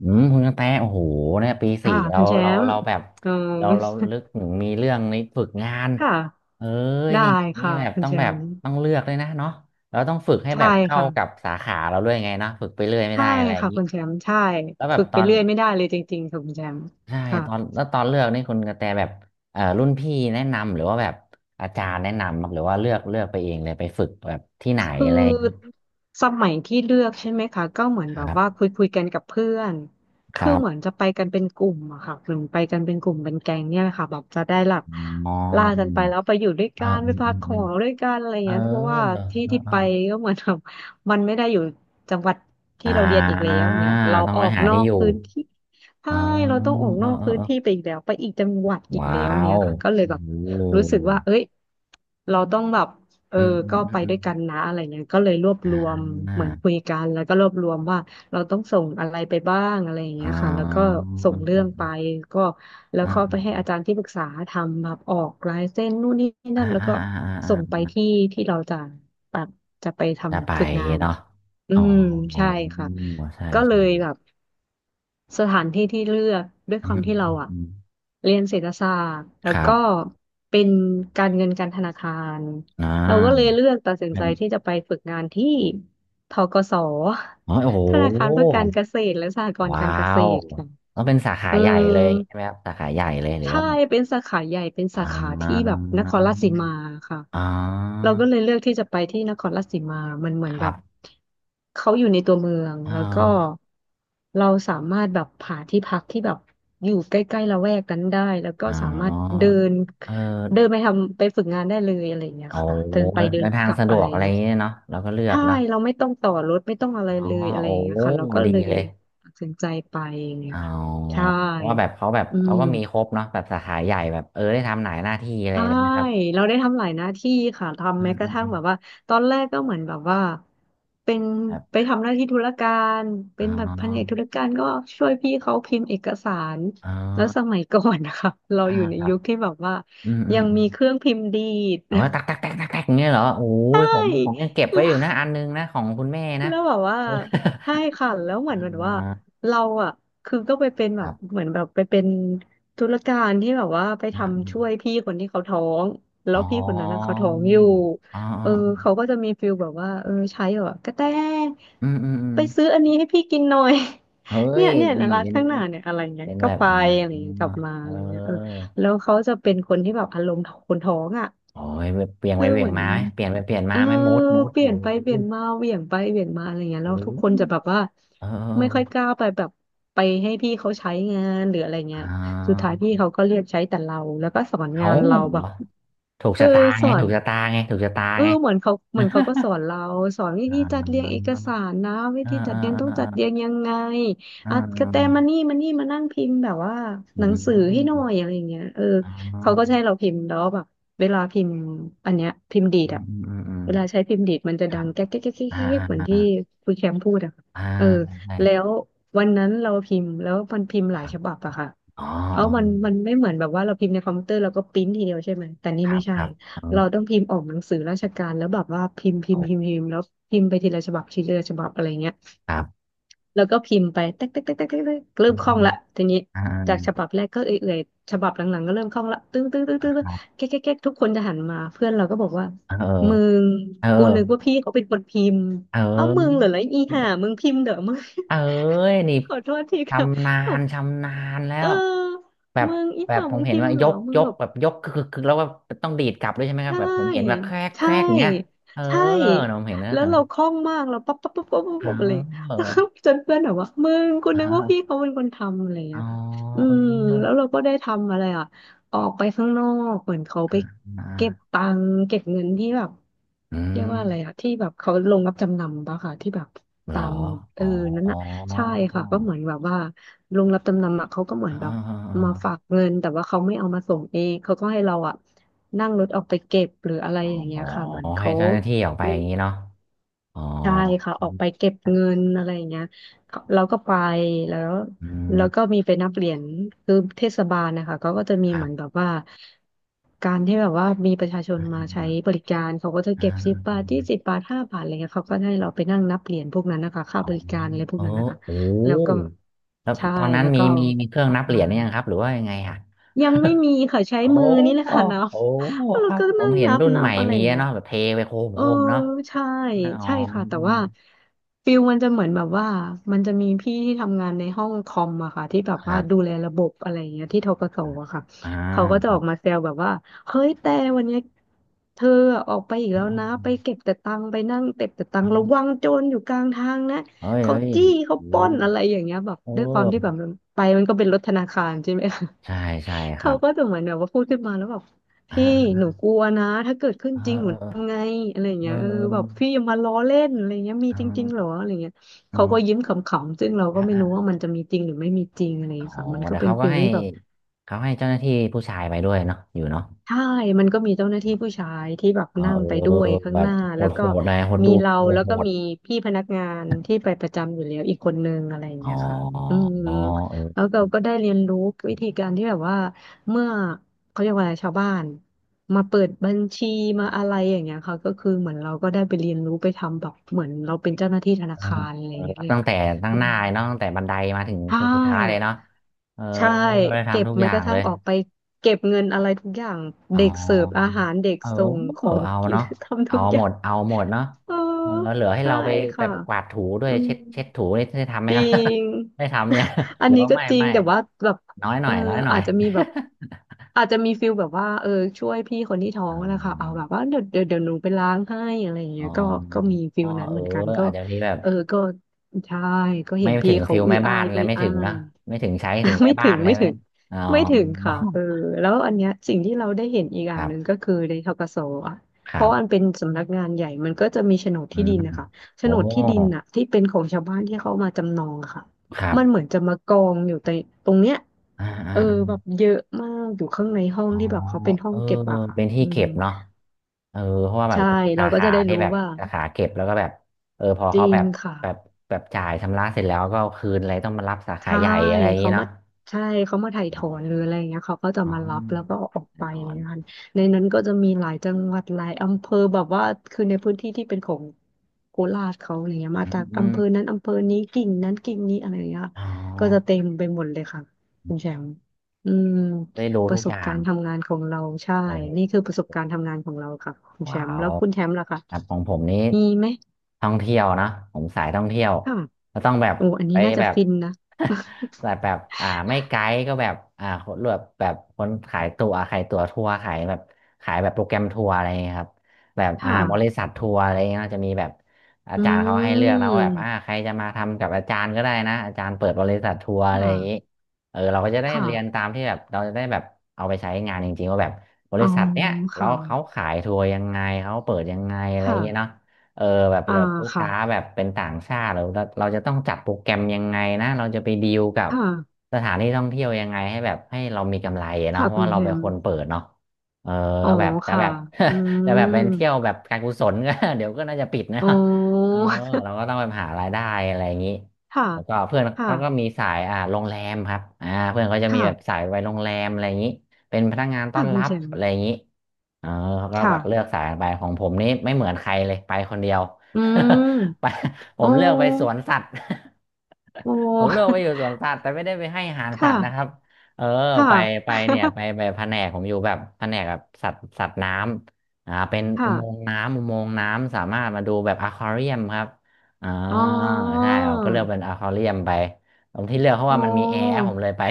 อืมคุณกระแตโอ้โหเนี่ยปีสี่ค่ะเราคุณแชเรามป์เราแบบเออเราลึกถึงมีเรื่องในฝึกงานค่ะเอ้ยได้นี่นี่ค่ะแบบคุณต้องแชแบบมป์ต้องเลือกเลยนะเนาะเราต้องฝึกให้แบใช่บเข้าค่ะกับสาขาเราด้วยไงเนาะฝึกไปเรื่อยไม่ใช่ได้อะไรอย่างค่ะนี้คุณแชมป์ใช่แล้วแบฝึบกตไปอนเรื่อยไม่ได้เลยจริงๆค่ะคุณแชมป์ใช่ค่ะ ตอนแล้วตอนเลือกนี่คุณกระแตแบบรุ่นพี่แนะนำหรือว่าแบบอาจารย์แนะนำครับหรือว่าเลือกไปเองเลยไปฝึกแบบที่ไหนคืออะไรอย่างนี้สมัยที่เลือกใช่ไหมคะก็เหมือนคแบบรัว่าคุบยคุยกันกับเพื่อนคคือรัเหมือนบจะไปกันเป็นกลุ่มอะค่ะหมือไปกันเป็นกลุ่มเป็นแก๊งเนี่ยแหละค่ะแบบจะได้หลับอ๋ล่ากันไปอแล้วไปอยู่ด้วยเออกันอืไปมพัอืกมขอือมงด้วยกันอะไรเออเงี้ยเพราะว่าเออที่ที่เออ ไปก็เหมือนแบบมันไม่ได้อยู่จังหวัดอ่ที่เราเรียนอีกแล้าวเนี่ยเราต้องอไปอกหานอที่กอยู่พื้นที่อ๋ใช่อเราต้องออกเอนออกเออพื้เอนอที่ไปอีกแล้วไปอีกจังหวัดอีกว้าแล้วเนี่ยวค่ะก็เลยโอ้แบบโรู้สึหกว่าเอ้ยเราต้องแบบ เอออืมอืมก็อืไปมอืด้มวยกันนะอะไรเงี้ยก็เลยรวบอ่รวมาเหมือนคุยกันแล้วก็รวบรวมว่าเราต้องส่งอะไรไปบ้างอะไรอย่างอ๋เงี้ยค่ะแล้วอก็ส่อืมอืงมเรื่อือมงไปก็แล้วอ่ก็ไปให้าอาจารย์ที่ปรึกษาทำแบบออกลายเส้นนู่นนี่อ่านั่นแล้วอ่าก็อ่าส่งไปอ่าที่ที่เราจะ จะไปจะไปทำฝึกงานนะเนาะคะอือ๋อมใช่ค่ะ ใช่ก็เลยใช่แบบสถานที่ที่เลือกด้วยอืความมที่อืเรามอะอืมเรียนเศรษฐศาสตร์แล้ควรัก็บ เป็นการเงินการธนาคารอ่าเราก็เลยเลือกตัดสินเป็ใจนที่จะไปฝึกงานที่ธกส อ๋อโอ้โห ธนาคารเพื่อการเกษตรและสหกรณ์ว้าการเกษว ตรค่ะต้องเป็นสาขาเออ ใหญ่เลยใช่ไหมครับสาขาใหญ่เลยหรือใช่ว่าแบบเป็นสาขาใหญ่เป็นสาอ่ขาที่แบาบนครราชสีมาค่ะอ๋อเราก็เลยเลือกที่จะไปที่นครราชสีมามันเหมือนคแบรับบ เขาอยู่ในตัวเมืองเแล้วก็ออเราสามารถแบบหาที่พักที่แบบอยู่ใกล้ๆละแวกนั้นได้แล้วก็อ๋สามารถอเดินเอเดินอไปทำไปฝึกงานได้เลยอะไรอย่างเงี้ยโอ้ค่ะเดินไปเดิเดินนทากงลับสะดอะวไรกออะย่างไรอเงี้ยย่างเงี้ยเนาะเราก็เลือกใช่เนาะเราไม่ต้องต่อรถไม่ต้องอะไรอ๋อเลยอะไรโอ้อย่างเงี้ยค่ะเราก็ดีเลยเลยตัดสินใจไปอย่างเงี้อ๋ยอค่ะใช่ เพราะว่าแบบเขาแบบอืเขาก็ม มีครบเนาะแบบสาขาใหญ่แบบเออได้ทำหลายหน้าที่อะไรใช่ เลยนะครับเราได้ทำหลายหน้าที่ค่ะ อืทำแม้มกอืระมทั่งอืมแบบว่า ตอนแรกก็เหมือนแบบว่า เป็นครับไปทำหน้าที่ธุรการ อ๋เป็นแบบแผนกธุอรการก็ช่วยพี่เขาพิมพ์เอกสาร อ๋แล้วสอมัยก่อนนะคะเราอ่าอยู่ในครับยุคที่แบบว่า อืมอืยัมงอืมีมเครื่องพิมพ์ดีด เอาไว้ตักตักตักตักตักอย่างเงี้ยเหรอโอ้ยผมยังเก็บ แล้ไว้ว อยู่นะอันนึงนะของคุณแม่นะ แล้วแบบว่า เออใช่ค่ะแล้วเหอมือนเหมือนว่า่าเราอ่ะคือก็ไปเป็นคแบรับบเหมือนแบบไปเป็นธุรการที่แบบว่าไปอ่าอทำมช่วยพี่คนที่เขาท้องแล้อ๋อวพี่คนนั้นนะเขาท้องอยู่อ๋อ เออเขาก็จะมีฟิลแบบว่าใช้แบบว่ากระแตอืมอืมอืมไปซื้ออันนี้ให้พี่กินหน่อย เฮ้ เนี่ยยเนี่ยนี่ร้านเป็นข้างหน้าเนี่ยอะไรเงี้ยเป็นก็แบบไปอ๋อะไรเงี้ยกอลับมาเอะไรเงี้ยออแล้วเขาจะเป็นคนที่แบบอารมณ์คนท้องอ่ะโอ้ยเปลี่ยนไปคือเปลี่เหยนมือน มาไหมเปลี่ยนไปเปลี่ยนเอมาอไหมมูดมูดเปเออลี่ยนไปเปลี่ยนมาเหวี่ยงไปเหวี่ยงมาอะไรเงี้ยโอแล้วทุกคนจะแบอบว่าเอไม่ค่อยกอล้าไปแบบไปให้พี่เขาใช้งานหรืออะไรเงี้อ่ยสุดาท้ายพี่เขาก็เรียกใช้แต่เราแล้วก็สอนงาเอานเราแบบถูกเออชะตาสไงอถูน กชะตาไงถูกชะตาไงเหมือนเขาก็สอนเราสอนวิอ่ธีจัดเรียงเอากสารนะวิอ่าธีจัดอ่าเรียงต้องจัดเรียงอ่ายังไงอ่อ่ะกระแตามานี่มานั่งพิมพ์แบบว่าอืหนังสือให้หน่อมยอะไรอย่างเงี้ยอ่เขาก็จะาให้เราพิมพ์แล้วแบบเวลาพิมพ์อันเนี้ยพิมพ์ดีอืดมอะอืมอืมเวลาใช้พิมพ์ดีดมันจะคดัรับงแก๊กแก๊กแก๊กแก๊กอ่าแก๊กเหมือนอ่าที่คุณแชมป์พูดอะอ่าเออใช่แล้ววันนั้นเราพิมพ์แล้วมันพิมพ์หคลายรับฉบับอะค่ะอ๋อเอามันไม่เหมือนแบบว่าเราพิมพ์ในคอมพิวเตอร์แล้วก็ปริ้นทีเดียวใช่ไหมแต่นี่ครัไม่บคใช่ รับเออเราต้องพิมพ์ออกหนังสือราชการแล้วแบบว่าพิมพ์พิมพ์คพิมพ์พิมพ์แล้วพิมพ์ไปทีละฉบับทีละฉบับอะไรเงี้ยรับ แล้วก็พิมพ์ไปเต๊กเต๊กเต๊กเต๊กเต๊กเต๊กเริ่มคล่องละทีนี้อ่จากาฉบับแรกก็เอื่อยๆฉบับหลังๆก็เริ่มคล่องละตึ้งตึ้งตึ้งตึ้งคตึ้งรับแก๊กแก๊กแก๊กทุกคนจะหันมาเพื่อนเราก็บอกว่าเอมึองเอกูอนึกว่าพี่เขาเป็นคนพิมพ์เออ้าวมึงเหรออแล้วอีห่ามึงพิมพ์เหรอมึง เอ้ยนี่ ขอโทษทีค่ะชำนาบอญกชำนาญแล้เอวอแบบมึงอีแบบห่าวผมึมงเห็นพิมว่าพ์ยเหรอกมึยงกแบบ แบบยกคือแล้วว่าต้องดีดกลับด้วยใช่ไหมใชครับแบบผมเห็นแบบ่แครกแคใช่รกอย่างเงี้ยเออใช่นผมเห็นนะแล้เอวอเราคล่องมากเราปั๊บปั๊บปั๊บปั๊บปั๊บอ๋ปั๊บอะไรอแล้วก็ จนเพื่อนแบบว่ามึงกูอ๋นึกว่าพี่อเขาเป็นคนทำอะไรอย่างอ๋เงี้อยค่ะอืเออมแล้วเราก็ได้ทำอะไรอ่ะออกไปข้างนอกเหมือนเขาอ่าไปอ่าเก็บตังค์เก็บเงินที่แบบอืเรียกว่าอะไรมอ่ะที่แบบเขาลงรับจำนำปะค่ะที่แบบเหรตาอมเออ๋ออนั่นอ๋อน่ะใช่ค่ะก็เหมือนแบบว่าลงรับจำนำอ่ะเขาก็เหมือนอ๋แบบอมาฝากเงินแต่ว่าเขาไม่เอามาส่งเองเขาก็ให้เราอ่ะ นั่งรถออกไปเก็บหรืออะไรอย่างเงี้อ๋อยค่ะเหมือนให้เขาเจ้าหน้าที่ออกไปมีอย่างนี้เนาะ อ๋อใช่ค่ะออกไปเก็บเงินอะไรอย่างเงี้ยเขาเราก็ไปแล้วอืมแล้วก็มีไปนับเหรียญคือเทศบาลนะคะเขาก็จะมีครัเหมือนแบบบว่าการที่แบบว่ามีประชาชนอ่มาใช้บาริการเขาก็จะอ่าเก็บสิบบาทยี่สิบบาทห้าบาทอะไรเงี้ยเขาก็ให้เราไปนั่งนับเหรียญพวกนั้นนะคะค่าอ๋อบริการอะไรพเอวกนั้นนะอคะโอ้แล้วก็แล้วใช่ตอนนั้นแล้วมีก็เอามีมีเครื่อกงลันับบเหรีมา ยญหรือยังครับหรือว่ายังไงอ่ะยังไม่มีค่ะใช้โอมือนี่้แหโละค่ะนับ อ้ แล้ควรับก็ผนั่มงเห็นนับรุ่นนัใหม่บอะไรมีอย่างอะเงี้ยเนาะแบบเทไปโคมเอโคอมเนาะใช่อ๋อใช่ค่ะแต่อืมว่าฟิลมันจะเหมือนแบบว่ามันจะมีพี่ที่ทำงานในห้องคอมอะค่ะที่แบบคว่ารัดูบแลระบบอะไรอย่างเงี้ยที่ธกสอะค่ะอ่าเขาก็คจะอรัอบกมาแซวแบบว่าเฮ้ยแต่วันเนี้ยเธอออกไปอีกแล้อ๋อวนะไปเก็บแต่ตังค์ไปนั่งเก็บแต่ตังอ๋ค์ระวัองโจรอยู่กลางทางนะเฮ้ยเขาเฮ้ยจี้เขาโอ้ปล้นอะไรอย่างเงี้ยแบบโอ้ด้วยความที่แบบมันไปมันก็เป็นรถธนาคารใช่ไหมคะ ใช่ใช่คเขารับก็จะเหมือนแบบว่าพูดขึ้นมาแล้วแบบอ่พี่าหนูกลัวนะถ้าเกิดขึ้นเออจริงหเอนูอทำไงอะไรอย่างเอเงี้อยเออเออแบบพี่อย่ามาล้อเล่นอะไรเงี้ยมีเจริงๆเหรออออะไรเงี้ยอืเขาก็ยิ้มขำๆซึ่งเราก็ไม่รู้ว่าม มันจะมีจริงหรือไม่มีจริงอะไรอย่างอ๋อเงี้ยค่ะมันก็แต่เป็นเขาก็ฟีลให้ที่แบบ เขาให้เจ้าหน้าที่ผู้ชายไปด้วยเนาะอยู่เนาะใช่มันก็มีเจ้าหน้าที่ผู้ชายที่แบบอ๋อนั่เงไปด้อวยอข้าแบงหบน้าโหแล้ดวโหก็ดหน่อยโหดมีดูเราโหดแล้วโหก็ดมีพี่พนักงานที่ไปประจำอยู่แล้วอีกคนนึงอะไรอย่างอ๋อเงี้ยค่ะอืมอ๋อเออแล้วเราก็ได้เรียนรู้วิธีการที่แบบว่าเมื่อเขาเรียกว่าอะไรชาวบ้านมาเปิดบัญชีมาอะไรอย่างเงี้ยค่ะก็คือเหมือนเราก็ได้ไปเรียนรู้ไปทำแบบเหมือนเราเป็นเจ้าหน้าที่ธนาเออคารอะไรเอออย่างเงี้ยรับเลยตั้งค่ะแต่ตั้งอืหน้ามเลยเนาะตั้งแต่บันไดมาถึงใช่ ถึงสุดท้ายเลยเนาะเออใช่ได้เก็ทำบทุกอแม้ย่ากงระเลทั่งยออกไปเก็บเงินอะไรทุกอย่างอ๋เด็กเสิร์ฟอาอหารเด็กเออ ส่งของเอากิน เนาะ ทำเอาทุกอหมย่างด เอาหมดเนาะเออเออเหลือให้ใช่เราไปแบค่ะบกวาดถูด้วอืยมเช็ดเช็ดถูนี่ได้ทำไหมจคริรับ ง ได้ทำเนี่ย อัหนรือนี้ว่าก็ไม่จริงไม่แต่ว่าแบบน้อยหเอน่ออยน้อยหน่ออาย จจะมีแบบอาจจะมีฟิลแบบว่าเออช่วยพี่คนที่ท้ออ๋งนะคะเอาแบบอว่าเดี๋ยวหนูไปล้างให้อะไรอย่างอ๋เงี้อยก็ก็มีฟิอ๋อลนั้นเออเหมือนกันก็อาจจะนี้แบบเออก็ใช่ก็เห็ไม่นถึพี่งเขาฟิลอุ้ยแม่อ้าบ้านยเลอุ้ยยไม่ถึอ้างเนย อะไม่ถึงใช้ อ่ะถึงแม่ไม่บ้าถึนงเลยไม่ไหมถึงอ๋อ ไม่ถึงค่ะเออแล้วอันเนี้ยสิ่งที่เราได้เห็นอีกอ คย่างรัหบนึ่งก็คือในธกสอ่ะคเพรัราะบอันเป็นสำนักงานใหญ่มันก็จะมีโฉนดอืที่ดิมนนะคะโฉโอ้นดที่ดินน่ะที่เป็นของชาวบ้านที่เขามาจำนองอะค่ะครับมันเหมือนจะมากองอยู่ในตรงเนี้ยอ่าอ่าเออแบบเยอะมากอยู่ข้างในห้องอ๋อที่แบบเขาเป็นห้อเองอเก็บอะค่ะเป็นที่อืเก็มบเนาะเออเพราะว่าแบบใช่จะมีเราสาก็ขาจะได้ที่รู้แบบว่าสาขาเก็บแล้วก็แบบเออพอจเขาริงค่ะ แบบแบบจ่ายชำระเสร็จแล้วก็เอาคืนอะไรต้องมารับสาขาใช่ใหญ่อะไรอย่างงี้เขามาเนาะใช่เขามาถ่ายถอ๋อนหรือออะไรอย่างเงี้ยเขาก็จะอ๋อมารับแล้วก็เอาออกไปถอะอไรอย่านงเงี้ยค่ะในนั้นก็จะมีหลายจังหวัดหลายอำเภอแบบว่าคือในพื้นที่ที่เป็นของโคราชเขาอะไรเงี้ยมาอืมจากออำมเภอนั้นอำเภอนี้กิ่งนั้นกิ่งนี้อะไรอย่างเงี้ยอ๋อ ก็จะเต็มไปหมดเลยค่ะคุณแชมป์อืมได้ดูปทุระกสอบย่ากางรณ์ทำงานของเราใช่โอ้โหนี่คือประสบการณ์ทำงานของเราค่ะคุณแชว้ามป์แล้ววคุณแชมป์ล่ะคะครับของผมนี้มีไหมท่องเที่ยวนะผมสายท่องเที่ยวค่ะก็ต้องแบบโอ้อันไปนี้น่าจะแบบ ฟินนะ แบบแบบอ่าไม่ไกด์ก็แบบอ่าคนแบบแบบคนขายตั๋วขายตั๋วทัวร์ขายแบบขายแบบโปรแกรมทัวร์อะไรอย่างเงี้ยครับแบบ คอ่าบริ่ะษัททัวร์อะไรเงี้ยจะมีแบบอาอืจารย์เขาให้เลือกนะว่าแบบอ่าม ใครจะมาทำกับอาจารย์ก็ได้นะอาจารย์เปิดบริษัททัวร์คอะไรอย่างนี้่ะเออเราก็จะได้ค่ะเรียนตามที่แบบเราจะได้แบบเอาไปใช้งานจริงๆว่าแบบ บอ๋ริอษัทเนี้ยแล้ค่ะวเขาขายทัวร์ยังไงเขาเปิดยังไงอะไรค่ะเงี้ยเนาะเออแบบอ่าแบบลูกค่ะค้าแบบเป็นต่างชาติเราจะต้องจัดโปรแกรมยังไงนะเราจะไปดีลกับค่ะสถานที่ท่องเที่ยวยังไงให้แบบให้เรามีกำไรอะเนาะค่ะเพราะคุณว่าเทเราเป็นมคนเปิดเนาะเอออ๋อก็แบบจะค่ะแบบ อื จะแบมบเป็นเที่ยวแบบการกุศลก็ เดี๋ยวก็น่าจะปิดนะ อ๋อ เออเรา ก็ต้องไปหารายได้อะไรอย่างนี้ค่ะแล้วก็เพื่อนค่ะก็ก็มีสายโรงแรมครับเพื่อนเขาจะมีค่ะแบบสายไปโรงแรมอะไรอย่างนี้ เป็นพนักงานต้อค่ะนคุรัณบเทมอะไรอย่างนี้เออเขาก็แบค่ะบเลือกสายไปของผมนี่ไม่เหมือนใครเลยไปคนเดียว อื ไปมผอ๋อมเลือกไปสวนสัตว์ อ๋อ ผ มเลือกไปอยู่สวนสัตว์แต่ไม่ได้ไปให้อาหารสัค่ะตว์นะครับเออค่ะไปไปเนี่ยไปไปแผนกผมอยู่แบบแผนกแบบสัตว์สัตว์น้ำเป็นอุค่ะโมงค์น้ำอุโมงค์น้ำสามารถมาดูแบบอควาเรียมครับอ่าอ๋อใช่ผมก็เลือกเป็นอควาเรียมไปตรงที่เลือกเพราะอ๋อว่ามันมีแอร์ผมเลยไป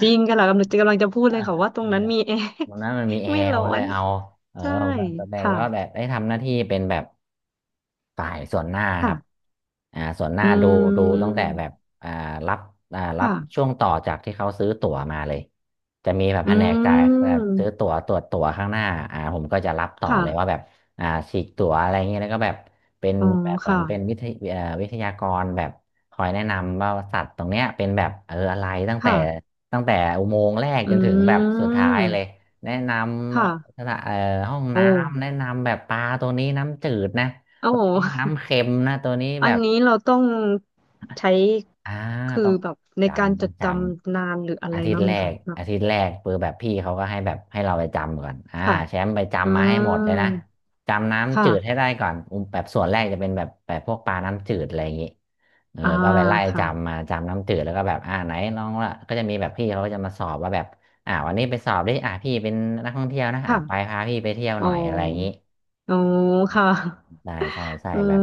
จริง ค่ะกำลังจะพูดเลยค่ะอ่ะว่าตรงนั้นมี แอร์วันนั้นมันมีแอไม่ร์ผร้อมเลนยเอาเออใช่ผมก็ตอนแรกค่ะก็แบบได้ทำหน้าที่เป็นแบบฝ่ายส่วนหน้าครับค่ะส่วนหอืน้าดูดูตั้งแต่แบบมอ่ารับรับช่วค่ะ งต่อจากที่เขาซื้อตั๋วมาเลยจะมีแบบอืแผนกจ่ายแบม บซื้อตั๋วตรวจตั๋วข้างหน้าผมก็จะรับต่อค่ะ เลยว่าแบบฉีกตั๋วอะไรเงี้ยแล้วก็แบบเป็นอ๋อแบบเหมือค่ะนเป็นวิทยากรแบบคอยแนะนำว่าสัตว์ตรงเนี้ยเป็นแบบเอออะไรตั้งแต่ ค่ะตั้งแต่อุโมงค์แรกอืจนถึงแบบสุดท้ายเลยมแนะนค่ะ ำสถานเอ่อห้องโอ้น้ำแนะนำแบบปลาตัวนี้น้ำจืดนะโอ้ตัวโหนี้น้ำเค็มนะตัวนี้อัแบนบ นี้เราต้องใช้อ่าคือต้องแบบในการจำจต้องดจจำนานหรืออะำไรอาทิตมั้าย์งไหแรมคะกเนอะอาทิตย์แรกปือแบบพี่เขาก็ให้แบบให้เราไปจำก่อนอ่าค่ะแชมป์ไปอ่จำมาให้หมดเลยานะ จำน้ำจืดให้ค่ะได้ก่อนอุ้มแบบส่วนแรกจะเป็นแบบแบบพวกปลาน้ำจืดอะไรอย่างงี้เอออ่าก็ไปไล่ค่ะจำมาจำน้ำจืดแล้วก็แบบไหนน้องละก็จะมีแบบพี่เขาก็จะมาสอบว่าแบบวันนี้ไปสอบดิพี่เป็นนักท่องเที่ยวนะไปค่ะพาพี่ไปเที่ยวอ๋หอน่อยอะไรอย่างงี้ อ๋อค่ะใช่ใช่ใช่อืแบบ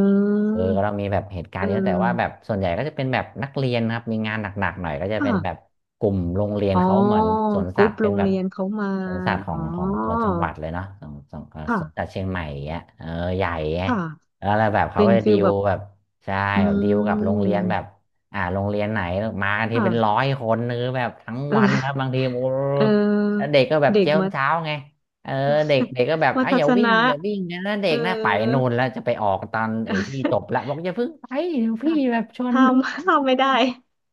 เออเรามีแบบเหตุการเออณ์เยอะแต่ว่าแบบส่วนใหญ่ก็จะเป็นแบบนักเรียนนะครับมีงานหนักๆหน่อยก็จะเป็นแบบค่ะกลุ่มโรงเรียนอ๋อเขาเหมือนสวนกสัรุ๊ตปว์เป็โรนงแบบเรียนเขามาสวนสัตว์ขออ๋องของตัวจังหวัดเลยเนาะของของค่ะสวนสัตว์เชียงใหม่อย่างเงี้ยเออใหญ่ไงค่ะแล้วอะไรแบบเขาเป็ก็นจะฟิดีลลแบบ แบบใช่อืแบบดีลกับโรงเรีมยนแบบโรงเรียนไหนมากันทีเป็นร้อค่ะยคนหรือแบบทั้งเอวันอครับบางทีโอ้เอแล้วอเด็กก็แบบเด็กเจ้ามัธ เช้าไง เออเด็กเด็กก็แบบ มัอ่ะธอยย่าสวิ่งนะอย่าวิ่งนะเด็เออกนะไปนู่นแล้วจะไปออกตอนไอ้ที่จบละบอกอย่าเพิ่งไปเดี๋ยวพี่ค่ะ แบบชวน ห้าดูมห้ามไม่ได้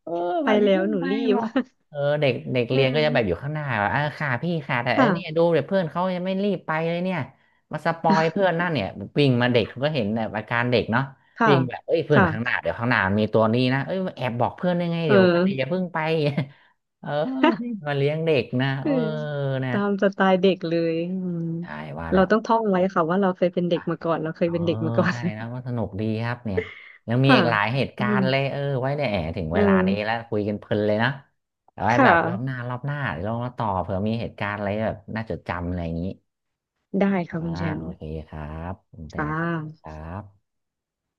เออไปแบบอย่าแล้วเพิ่งหนูไปรีบ บอกเออเด็กเด็ก เรีเอยนก็อจะแบบอยู่ข้างหน้าแบบอ่ะค่ะพี่ค่ะแต่เออเนี่ยดูค่ะเดี๋ยวเพื่อนเขายังไม่รีบไปเลยเนี่ยมาสปอยเพื่อนนั่นเนี่ยวิ่งมาเด็กเขาก็เห็นแบบอาการเด็กเนาะค่ะวิ่งแบบเอ้ยเพื่อนข้างหค่ะน้าเดี๋ยวข้างหน้ามันมีตัวนี้นะเอ้ยแอบบอกเพื่อนยังไงเอเดี๋ยวกันอย่าอ เพิ่งไป เออนี่ มาเลี้ยงเด็กนะเอเอออนะ ตามสไตล์เด็กเลยอืมใช่ว่าเราแล้วต้องท่องไว้ค่ะว่าเราเคยเป็นเด็อ่ะกมาก่อนเราเคยเออเป็นเด็กมาก่อน ใช่นะว่าสนุกดีครับเนี่ยยัง มีค่ะอีกหลายเหตุอืกามรณ์เลยเออไว้เนี่ยแหมถึงเอเวลานี้อแล้วคุยกันเพลินเลยนะเอาไว้แบค่ะบรอบหน้ารอบหน้าเดี๋ยวลองมาต่อเผื่อมีเหตุการณ์อะไรแบบน่าจดจำอะไรอย่างนี้ได้ค่ะอ่าคุณแชมโอป์เคครับคุณแต่ค่ขอบคุณะครับ